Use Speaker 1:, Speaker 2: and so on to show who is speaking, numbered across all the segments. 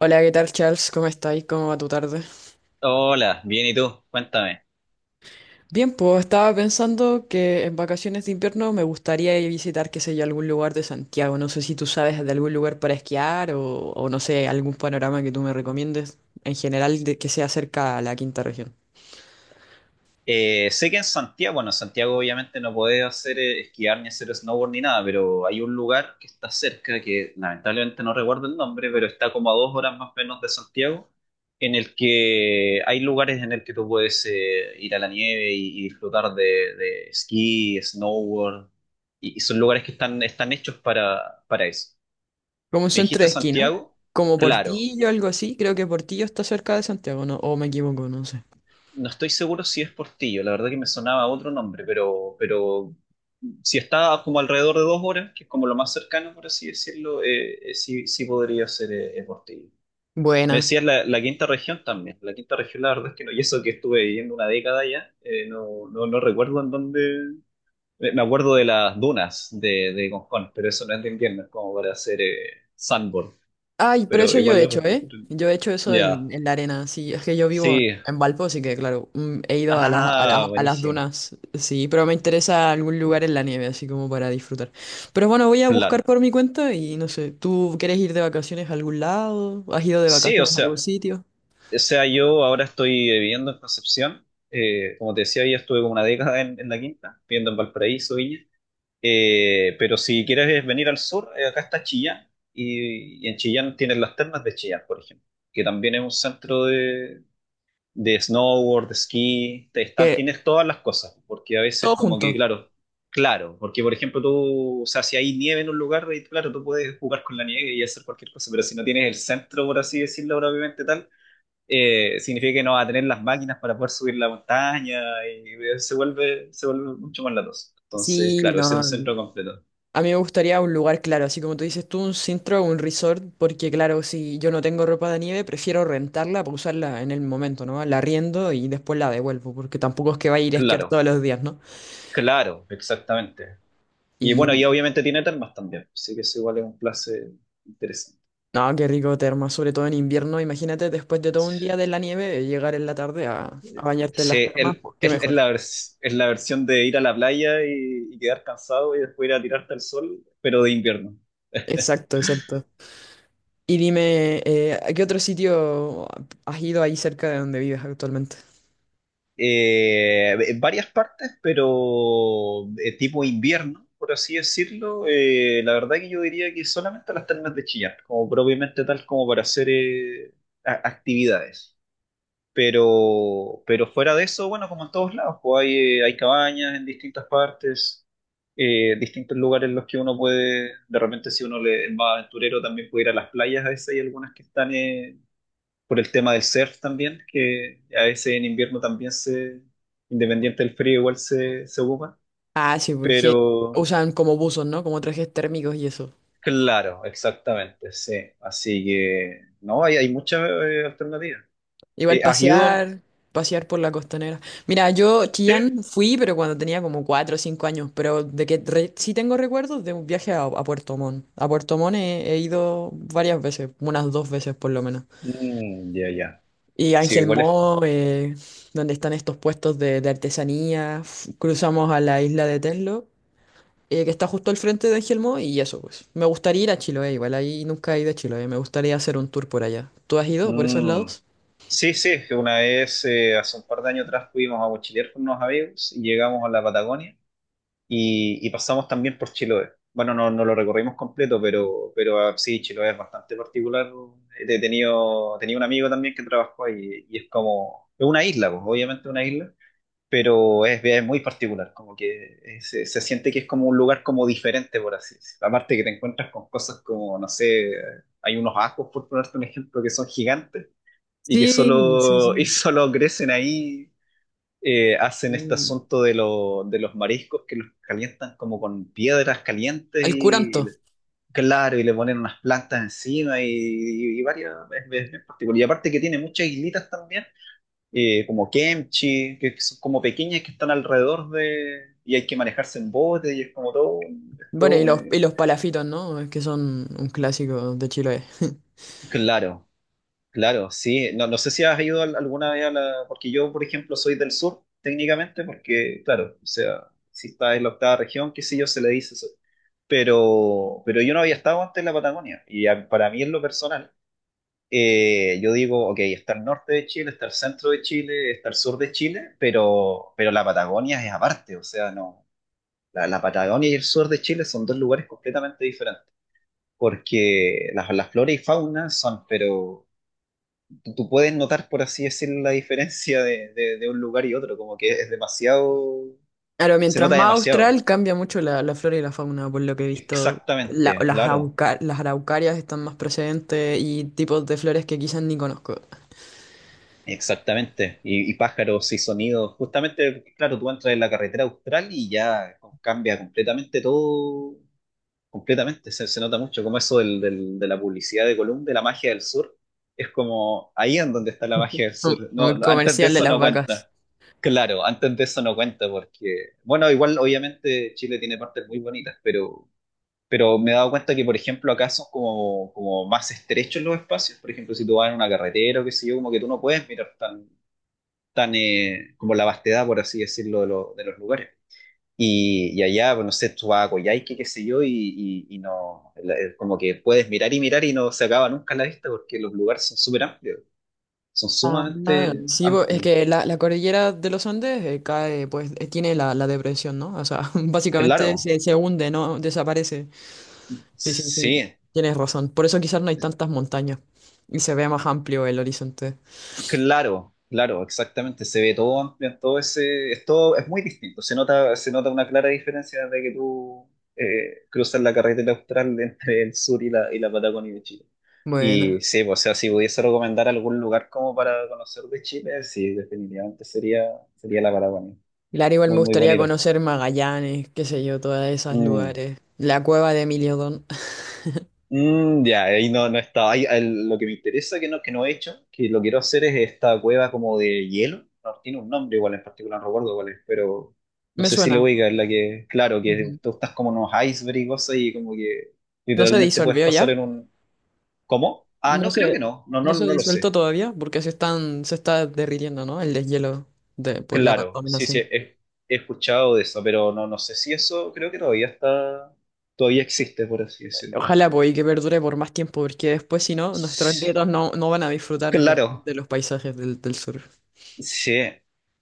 Speaker 1: Hola, ¿qué tal, Charles? ¿Cómo estáis? ¿Cómo va tu tarde?
Speaker 2: Hola, bien, ¿y tú? Cuéntame.
Speaker 1: Bien, pues estaba pensando que en vacaciones de invierno me gustaría ir a visitar, qué sé yo, algún lugar de Santiago. No sé si tú sabes de algún lugar para esquiar o no sé, algún panorama que tú me recomiendes en general de, que sea cerca a la quinta región.
Speaker 2: Sé que en Santiago, bueno, en Santiago obviamente no podés hacer esquiar ni hacer snowboard ni nada, pero hay un lugar que está cerca, que lamentablemente no recuerdo el nombre, pero está como a 2 horas más o menos de Santiago, en el que hay lugares en el que tú puedes ir a la nieve y disfrutar de esquí, snowboard, y son lugares que están hechos para eso.
Speaker 1: Como un
Speaker 2: ¿Me
Speaker 1: centro
Speaker 2: dijiste
Speaker 1: de esquí, ¿no?
Speaker 2: Santiago?
Speaker 1: Como
Speaker 2: Claro.
Speaker 1: Portillo, algo así. Creo que Portillo está cerca de Santiago, ¿no? O me equivoco, no sé.
Speaker 2: No estoy seguro si es Portillo, la verdad que me sonaba otro nombre, pero si está como alrededor de 2 horas, que es como lo más cercano, por así decirlo, sí, sí podría ser Portillo. Me
Speaker 1: Buena.
Speaker 2: decías la quinta región también. La quinta región, la verdad es que no, y eso que estuve viviendo una década ya, no, recuerdo en dónde. Me acuerdo de las dunas de Concón, pero eso no es de invierno, es como para hacer sandboard.
Speaker 1: Ay, pero
Speaker 2: Pero
Speaker 1: eso yo
Speaker 2: igual
Speaker 1: he
Speaker 2: es
Speaker 1: hecho,
Speaker 2: bastante.
Speaker 1: ¿eh? Yo he hecho eso
Speaker 2: Ya,
Speaker 1: en la arena, sí. Es que yo vivo
Speaker 2: sí.
Speaker 1: en Valpo, así que claro, he ido a las, a las,
Speaker 2: Ah,
Speaker 1: a las
Speaker 2: buenísimo.
Speaker 1: dunas, sí, pero me interesa algún lugar en la nieve, así como para disfrutar. Pero bueno, voy a buscar
Speaker 2: Claro.
Speaker 1: por mi cuenta y no sé, ¿tú quieres ir de vacaciones a algún lado? ¿Has ido de
Speaker 2: Sí, o
Speaker 1: vacaciones a
Speaker 2: sea,
Speaker 1: algún sitio?
Speaker 2: o sea, yo ahora estoy viviendo en Concepción. Como te decía, ya estuve como una década en La Quinta, viviendo en Valparaíso, Viña. Pero si quieres venir al sur, acá está Chillán. Y en Chillán tienes las termas de Chillán, por ejemplo, que también es un centro de snowboard, de esquí. Te están,
Speaker 1: Que
Speaker 2: tienes todas las cosas, porque a veces
Speaker 1: todo
Speaker 2: como que,
Speaker 1: junto.
Speaker 2: claro, claro, porque por ejemplo tú, o sea, si hay nieve en un lugar, y claro, tú puedes jugar con la nieve y hacer cualquier cosa, pero si no tienes el centro, por así decirlo, propiamente tal significa que no va a tener las máquinas para poder subir la montaña y se vuelve mucho más latoso. Entonces,
Speaker 1: Sí,
Speaker 2: claro,
Speaker 1: no.
Speaker 2: ese es un centro completo.
Speaker 1: A mí me gustaría un lugar claro, así como tú dices tú, un centro o un resort, porque claro, si yo no tengo ropa de nieve, prefiero rentarla para usarla en el momento, ¿no? La arriendo y después la devuelvo, porque tampoco es que vaya a ir a esquiar
Speaker 2: Claro,
Speaker 1: todos los días, ¿no?
Speaker 2: claro, exactamente. Y bueno,
Speaker 1: Y
Speaker 2: y obviamente tiene termas también, así que eso igual es un place interesante.
Speaker 1: no, qué rico terma, sobre todo en invierno, imagínate después de todo un día de la nieve, llegar en la tarde a bañarte en las
Speaker 2: Sí,
Speaker 1: termas,
Speaker 2: el-
Speaker 1: pues, qué
Speaker 2: es, es
Speaker 1: mejor.
Speaker 2: la vers- es la versión de ir a la playa y quedar cansado y después ir a tirarte al sol, pero de invierno.
Speaker 1: Exacto, exacto. Y dime, ¿a qué otro sitio has ido ahí cerca de donde vives actualmente?
Speaker 2: En varias partes, pero tipo invierno, por así decirlo. La verdad que yo diría que solamente a las termas de Chillán, como propiamente tal como para hacer actividades. Pero fuera de eso, bueno, como en todos lados, pues hay cabañas en distintas partes, distintos lugares en los que uno puede, de repente si uno es más aventurero, también puede ir a las playas a veces, hay algunas que están por el tema del surf también, que a veces en invierno también se, independiente del frío, igual se ocupa.
Speaker 1: Ah, sí, pues
Speaker 2: Pero
Speaker 1: usan como buzos, ¿no? Como trajes térmicos y eso.
Speaker 2: claro, exactamente, sí. Así que no, hay muchas alternativas.
Speaker 1: Igual
Speaker 2: ¿Has ido?
Speaker 1: pasear, pasear por la costanera. Mira, yo
Speaker 2: Sí.
Speaker 1: Chillán fui, pero cuando tenía como cuatro o cinco años, pero de que sí tengo recuerdos de un viaje a Puerto Montt. A Puerto Montt he ido varias veces, unas dos veces por lo menos.
Speaker 2: Mm, ya, ya.
Speaker 1: Y
Speaker 2: Sí,
Speaker 1: Ángel
Speaker 2: igual es.
Speaker 1: Mo, donde están estos puestos de artesanía. Cruzamos a la isla de Tenlo, que está justo al frente de Ángel Mo, y eso pues. Me gustaría ir a Chiloé, igual ahí nunca he ido a Chiloé, me gustaría hacer un tour por allá. ¿Tú has ido por esos
Speaker 2: Mm,
Speaker 1: lados?
Speaker 2: sí, sí, que una vez, hace un par de años atrás, fuimos a mochilear con unos amigos y llegamos a la Patagonia y pasamos también por Chiloé. Bueno, no lo recorrimos completo, pero ah, sí, Chiloé es bastante particular. Tenía un amigo también que trabajó ahí y es como, es una isla, pues, obviamente una isla, pero es muy particular, como que se siente que es como un lugar como diferente, por así decirlo. Aparte que te encuentras con cosas como, no sé, hay unos ajos, por ponerte un ejemplo, que son gigantes y que
Speaker 1: Sí, sí,
Speaker 2: solo, y
Speaker 1: sí.
Speaker 2: solo crecen ahí hacen este
Speaker 1: Sí.
Speaker 2: asunto de los mariscos que los calientan como con piedras calientes
Speaker 1: El
Speaker 2: y, y
Speaker 1: curanto.
Speaker 2: le- claro, y le ponen unas plantas encima y varias, es bien particular. Y aparte que tiene muchas islitas también, como kimchi, que son como pequeñas que están alrededor de, y hay que manejarse en bote y es como todo, es
Speaker 1: Bueno,
Speaker 2: todo
Speaker 1: y
Speaker 2: un,
Speaker 1: los, y los palafitos, ¿no? Es que son un clásico de Chile.
Speaker 2: claro. Claro, sí. No, no sé si has ido alguna vez a la... Porque yo, por ejemplo, soy del sur, técnicamente, porque, claro, o sea, si está en la octava región, qué sé yo, se le dice eso. Pero yo no había estado antes en la Patagonia. Y para mí, en lo personal, yo digo, ok, está el norte de Chile, está el centro de Chile, está el sur de Chile, pero la Patagonia es aparte. O sea, no, la Patagonia y el sur de Chile son dos lugares completamente diferentes. Porque las flores y fauna son, pero tú puedes notar, por así decirlo, la diferencia de un lugar y otro, como que es demasiado,
Speaker 1: Claro,
Speaker 2: se
Speaker 1: mientras
Speaker 2: nota
Speaker 1: más
Speaker 2: demasiado.
Speaker 1: austral cambia mucho la flora y la fauna, por lo que he visto.
Speaker 2: Exactamente, claro,
Speaker 1: Las araucarias están más presentes y tipos de flores que quizás ni conozco.
Speaker 2: exactamente. Y pájaros y sonidos, justamente, claro, tú entras en la carretera austral y ya cambia completamente todo. Completamente, se nota mucho como eso de la publicidad de Column, de la magia del sur, es como ahí en donde está la magia del
Speaker 1: Mm,
Speaker 2: sur. No,
Speaker 1: muy
Speaker 2: no, antes de
Speaker 1: comercial de
Speaker 2: eso
Speaker 1: las
Speaker 2: no
Speaker 1: vacas.
Speaker 2: cuenta. Claro, antes de eso no cuenta porque, bueno, igual obviamente Chile tiene partes muy bonitas, pero me he dado cuenta que, por ejemplo, acá son como, más estrechos los espacios. Por ejemplo, si tú vas en una carretera o qué sé yo, como que tú no puedes mirar tan como la vastedad, por así decirlo, de los lugares. Y allá, pues, no sé, tú vas a Coyhaique, qué sé yo, y no, es como que puedes mirar y mirar y no se acaba nunca la vista porque los lugares son súper amplios, son
Speaker 1: Ah,
Speaker 2: sumamente
Speaker 1: sí, po, es
Speaker 2: amplios.
Speaker 1: que la cordillera de los Andes cae, pues tiene la depresión, ¿no? O sea, básicamente
Speaker 2: Claro,
Speaker 1: se hunde, ¿no? Desaparece. Sí, sí, sí,
Speaker 2: sí,
Speaker 1: tienes razón. Por eso quizás no hay tantas montañas y se ve más amplio el horizonte.
Speaker 2: claro, claro, exactamente. Se ve todo amplio todo ese. Es, todo, es muy distinto. Se nota una clara diferencia de que tú cruzas la carretera austral entre el sur y la Patagonia de Chile. Y
Speaker 1: Bueno,
Speaker 2: sí, pues, o sea, si pudiese recomendar algún lugar como para conocer de Chile, sí, definitivamente sería la Patagonia.
Speaker 1: claro, igual me
Speaker 2: Muy, muy
Speaker 1: gustaría
Speaker 2: bonito.
Speaker 1: conocer Magallanes, qué sé yo, todos esos
Speaker 2: Mm.
Speaker 1: lugares. La cueva de Emiliodón.
Speaker 2: Mm, ya, ahí no estaba. Ahí, lo que me interesa que no he hecho, que lo quiero hacer es esta cueva como de hielo. No, tiene un nombre igual en particular, no recuerdo cuál es, pero no
Speaker 1: Me
Speaker 2: sé si lo
Speaker 1: suena.
Speaker 2: voy a la que, claro,
Speaker 1: Ujú.
Speaker 2: que tú estás como en unos iceberg y cosas y como que
Speaker 1: ¿No se
Speaker 2: literalmente puedes
Speaker 1: disolvió
Speaker 2: pasar
Speaker 1: ya?
Speaker 2: en un... ¿Cómo? Ah,
Speaker 1: No
Speaker 2: no, creo
Speaker 1: se,
Speaker 2: que no. No, no,
Speaker 1: no se ha
Speaker 2: no lo
Speaker 1: disuelto
Speaker 2: sé.
Speaker 1: todavía porque se está derritiendo, ¿no? El deshielo de, por la
Speaker 2: Claro, sí, sí,
Speaker 1: contaminación.
Speaker 2: he escuchado de eso, pero no sé si eso creo que todavía está, todavía existe, por así decirlo. No,
Speaker 1: Ojalá,
Speaker 2: no.
Speaker 1: pues, y que perdure por más tiempo porque después, si no, nuestros nietos no van a disfrutar de,
Speaker 2: Claro.
Speaker 1: de los paisajes del sur.
Speaker 2: Sí,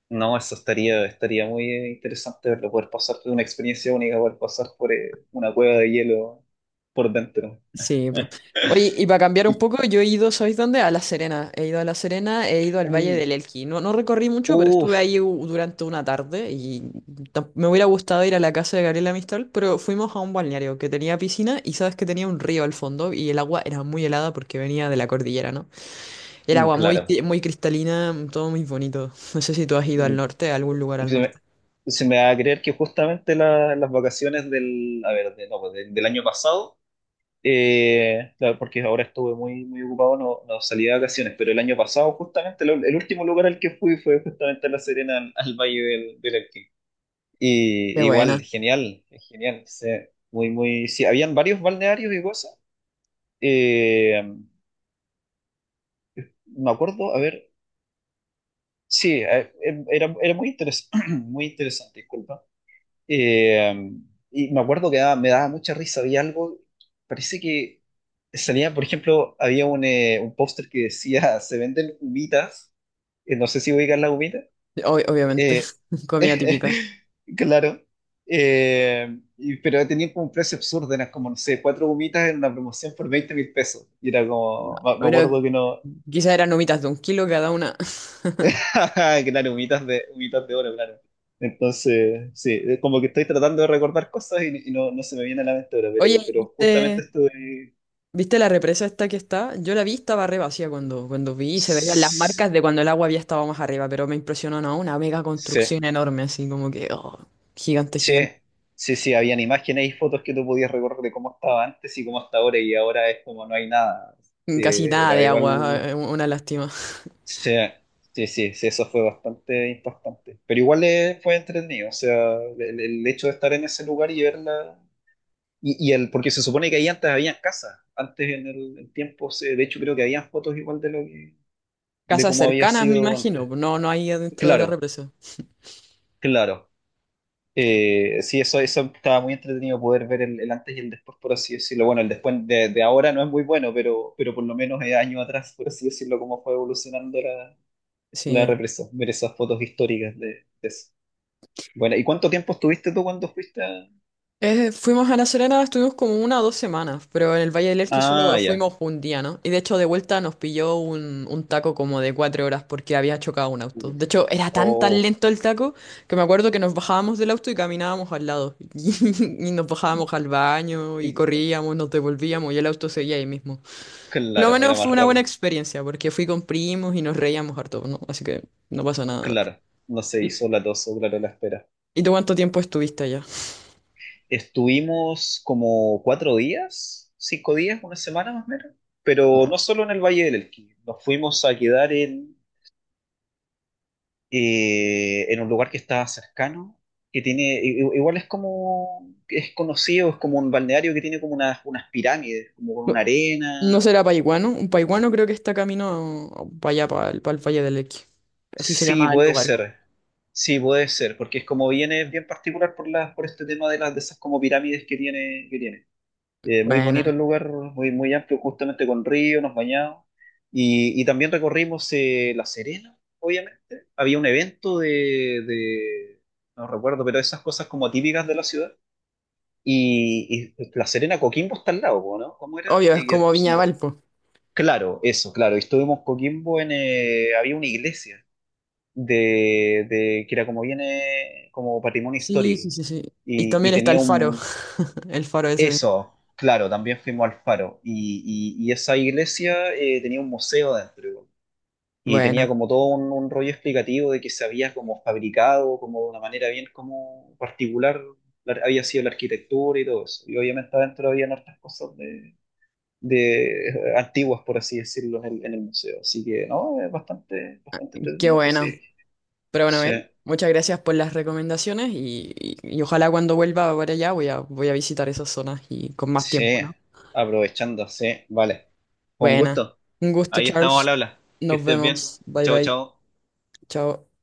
Speaker 2: no, eso estaría muy interesante verlo, poder pasar por una experiencia única, poder pasar por una cueva de hielo por dentro.
Speaker 1: Sí, pues. Oye, y para cambiar un
Speaker 2: Y,
Speaker 1: poco, yo he ido, ¿sabéis dónde? A La Serena. He ido a La Serena, he ido al Valle
Speaker 2: mm,
Speaker 1: del Elqui. No, no recorrí mucho, pero estuve
Speaker 2: uf,
Speaker 1: ahí durante una tarde y me hubiera gustado ir a la casa de Gabriela Mistral, pero fuimos a un balneario que tenía piscina y sabes que tenía un río al fondo y el agua era muy helada porque venía de la cordillera, ¿no? Era
Speaker 2: mm,
Speaker 1: agua muy,
Speaker 2: claro.
Speaker 1: muy cristalina, mm, todo muy bonito. No sé si tú has ido
Speaker 2: Mm.
Speaker 1: al norte, a algún lugar al
Speaker 2: Se me,
Speaker 1: norte.
Speaker 2: se me va a creer que justamente las vacaciones del, a ver, no, pues, del año pasado, claro, porque ahora estuve muy, muy ocupado, no salí de vacaciones, pero el año pasado justamente el último lugar al que fui fue justamente a La Serena, al Valle del Elqui.
Speaker 1: Qué
Speaker 2: Y igual,
Speaker 1: buena.
Speaker 2: genial, genial. Sí, muy, muy, sí, habían varios balnearios y cosas. Eh, Me acuerdo, a ver, sí, era muy interesante, muy interesante, disculpa. Eh, y me acuerdo que me daba mucha risa, había algo, parece que salía, por ejemplo, había un póster que decía, se venden humitas, no sé si ubican las humitas.
Speaker 1: Obviamente,
Speaker 2: Eh,
Speaker 1: comida típica.
Speaker 2: claro. Pero tenían como un precio absurdo, eran como, no sé, cuatro gomitas en una promoción por 20.000 pesos. Y era como, me
Speaker 1: Pero
Speaker 2: acuerdo que no,
Speaker 1: quizás eran nomitas de un kilo cada una.
Speaker 2: claro, gomitas de oro, claro. Entonces, sí, es como que estoy tratando de recordar cosas y no, se me viene a la mente ahora,
Speaker 1: Oye,
Speaker 2: pero,
Speaker 1: ¿y
Speaker 2: pero justamente
Speaker 1: ¿viste,
Speaker 2: estuve...
Speaker 1: viste la represa esta que está? Yo la vi, estaba re vacía cuando vi y se veían las
Speaker 2: Sí,
Speaker 1: marcas de cuando el agua había estado más arriba, pero me impresionó, ¿no? Una mega construcción enorme, así como que, oh, gigante,
Speaker 2: sí,
Speaker 1: gigante.
Speaker 2: sí, sí, habían imágenes y fotos que tú podías recordar de cómo estaba antes y cómo está ahora y ahora es como no hay nada. Sí,
Speaker 1: Casi nada
Speaker 2: era
Speaker 1: de
Speaker 2: igual.
Speaker 1: agua, una lástima.
Speaker 2: Sí, sí, sí, sí, eso fue bastante impactante. Pero igual fue entretenido, o sea, el hecho de estar en ese lugar y verla. Porque se supone que ahí antes habían casas, antes en tiempos, de hecho creo que habían fotos igual de lo que, de
Speaker 1: Casas
Speaker 2: cómo había
Speaker 1: cercanas, me
Speaker 2: sido
Speaker 1: imagino,
Speaker 2: antes.
Speaker 1: no, no hay adentro de la
Speaker 2: Claro,
Speaker 1: represa.
Speaker 2: claro. Sí, eso estaba muy entretenido poder ver el antes y el después, por así decirlo. Bueno, el después de ahora no es muy bueno, pero por lo menos años atrás, por así decirlo, cómo fue evolucionando la
Speaker 1: Sí,
Speaker 2: represa. Ver esas fotos históricas de eso. Bueno, ¿y cuánto tiempo estuviste tú cuando fuiste a...?
Speaker 1: Fuimos a La Serena, estuvimos como una o dos semanas, pero en el Valle del Elqui
Speaker 2: Ah,
Speaker 1: solo
Speaker 2: ya.
Speaker 1: fuimos un día, ¿no? Y de hecho de vuelta nos pilló un taco como de cuatro horas porque había chocado un auto.
Speaker 2: Uf.
Speaker 1: De hecho, era tan tan
Speaker 2: Oh,
Speaker 1: lento el taco que me acuerdo que nos bajábamos del auto y caminábamos al lado. Y nos bajábamos al baño y
Speaker 2: y-
Speaker 1: corríamos, nos devolvíamos y el auto seguía ahí mismo. Lo
Speaker 2: claro, era
Speaker 1: menos
Speaker 2: más
Speaker 1: fue una buena
Speaker 2: rápido.
Speaker 1: experiencia porque fui con primos y nos reíamos harto, ¿no? Así que no pasa nada.
Speaker 2: Claro, no se hizo latoso, claro, la espera.
Speaker 1: ¿Y tú cuánto tiempo estuviste allá?
Speaker 2: Estuvimos como 4 días, 5 días, una semana más o menos, pero no solo en el Valle del Elqui. Nos fuimos a quedar en un lugar que está cercano, que tiene, igual es como, es conocido, es como un balneario que tiene como unas pirámides, como con una
Speaker 1: No
Speaker 2: arena.
Speaker 1: será Paiguano. Un Paiguano creo que está camino para allá, para el Valle del Elqui. Así se
Speaker 2: Sí,
Speaker 1: llama el
Speaker 2: puede
Speaker 1: lugar.
Speaker 2: ser. Sí, puede ser, porque es como viene bien particular por por este tema de las de esas como pirámides que tiene. Muy bonito
Speaker 1: Buena.
Speaker 2: el lugar, muy, muy amplio, justamente con río, nos bañamos. Y también recorrimos La Serena, obviamente. Había un evento no recuerdo, pero esas cosas como típicas de la ciudad. Y La Serena, Coquimbo está al lado, ¿no? ¿Cómo era?
Speaker 1: Obvio, es como Viña Valpo.
Speaker 2: Claro, eso, claro. Y estuvimos Coquimbo había una iglesia de que era como viene como patrimonio
Speaker 1: Sí, sí,
Speaker 2: histórico.
Speaker 1: sí, sí. Y
Speaker 2: Y
Speaker 1: también está
Speaker 2: tenía
Speaker 1: el faro.
Speaker 2: un...
Speaker 1: El faro ese.
Speaker 2: Eso, claro, también fuimos al Faro. Y esa iglesia tenía un museo dentro, igual. Y tenía
Speaker 1: Buena.
Speaker 2: como todo un rollo explicativo de que se había como fabricado, como de una manera bien como particular, había sido la arquitectura y todo eso. Y obviamente adentro había hartas cosas de antiguas, por así decirlo, en el museo. Así que no, es bastante, bastante
Speaker 1: Qué
Speaker 2: entretenido, pues
Speaker 1: buena.
Speaker 2: sí.
Speaker 1: Pero bueno,
Speaker 2: Sí.
Speaker 1: ver, muchas gracias por las recomendaciones y, y ojalá cuando vuelva para allá voy a visitar esas zonas y con más
Speaker 2: Sí,
Speaker 1: tiempo, ¿no?
Speaker 2: aprovechando, sí, vale. Con
Speaker 1: Buena.
Speaker 2: gusto.
Speaker 1: Un gusto,
Speaker 2: Ahí estamos al
Speaker 1: Charles.
Speaker 2: habla. Que
Speaker 1: Nos
Speaker 2: estés bien.
Speaker 1: vemos. Bye
Speaker 2: Chao,
Speaker 1: bye.
Speaker 2: chao.
Speaker 1: Chao.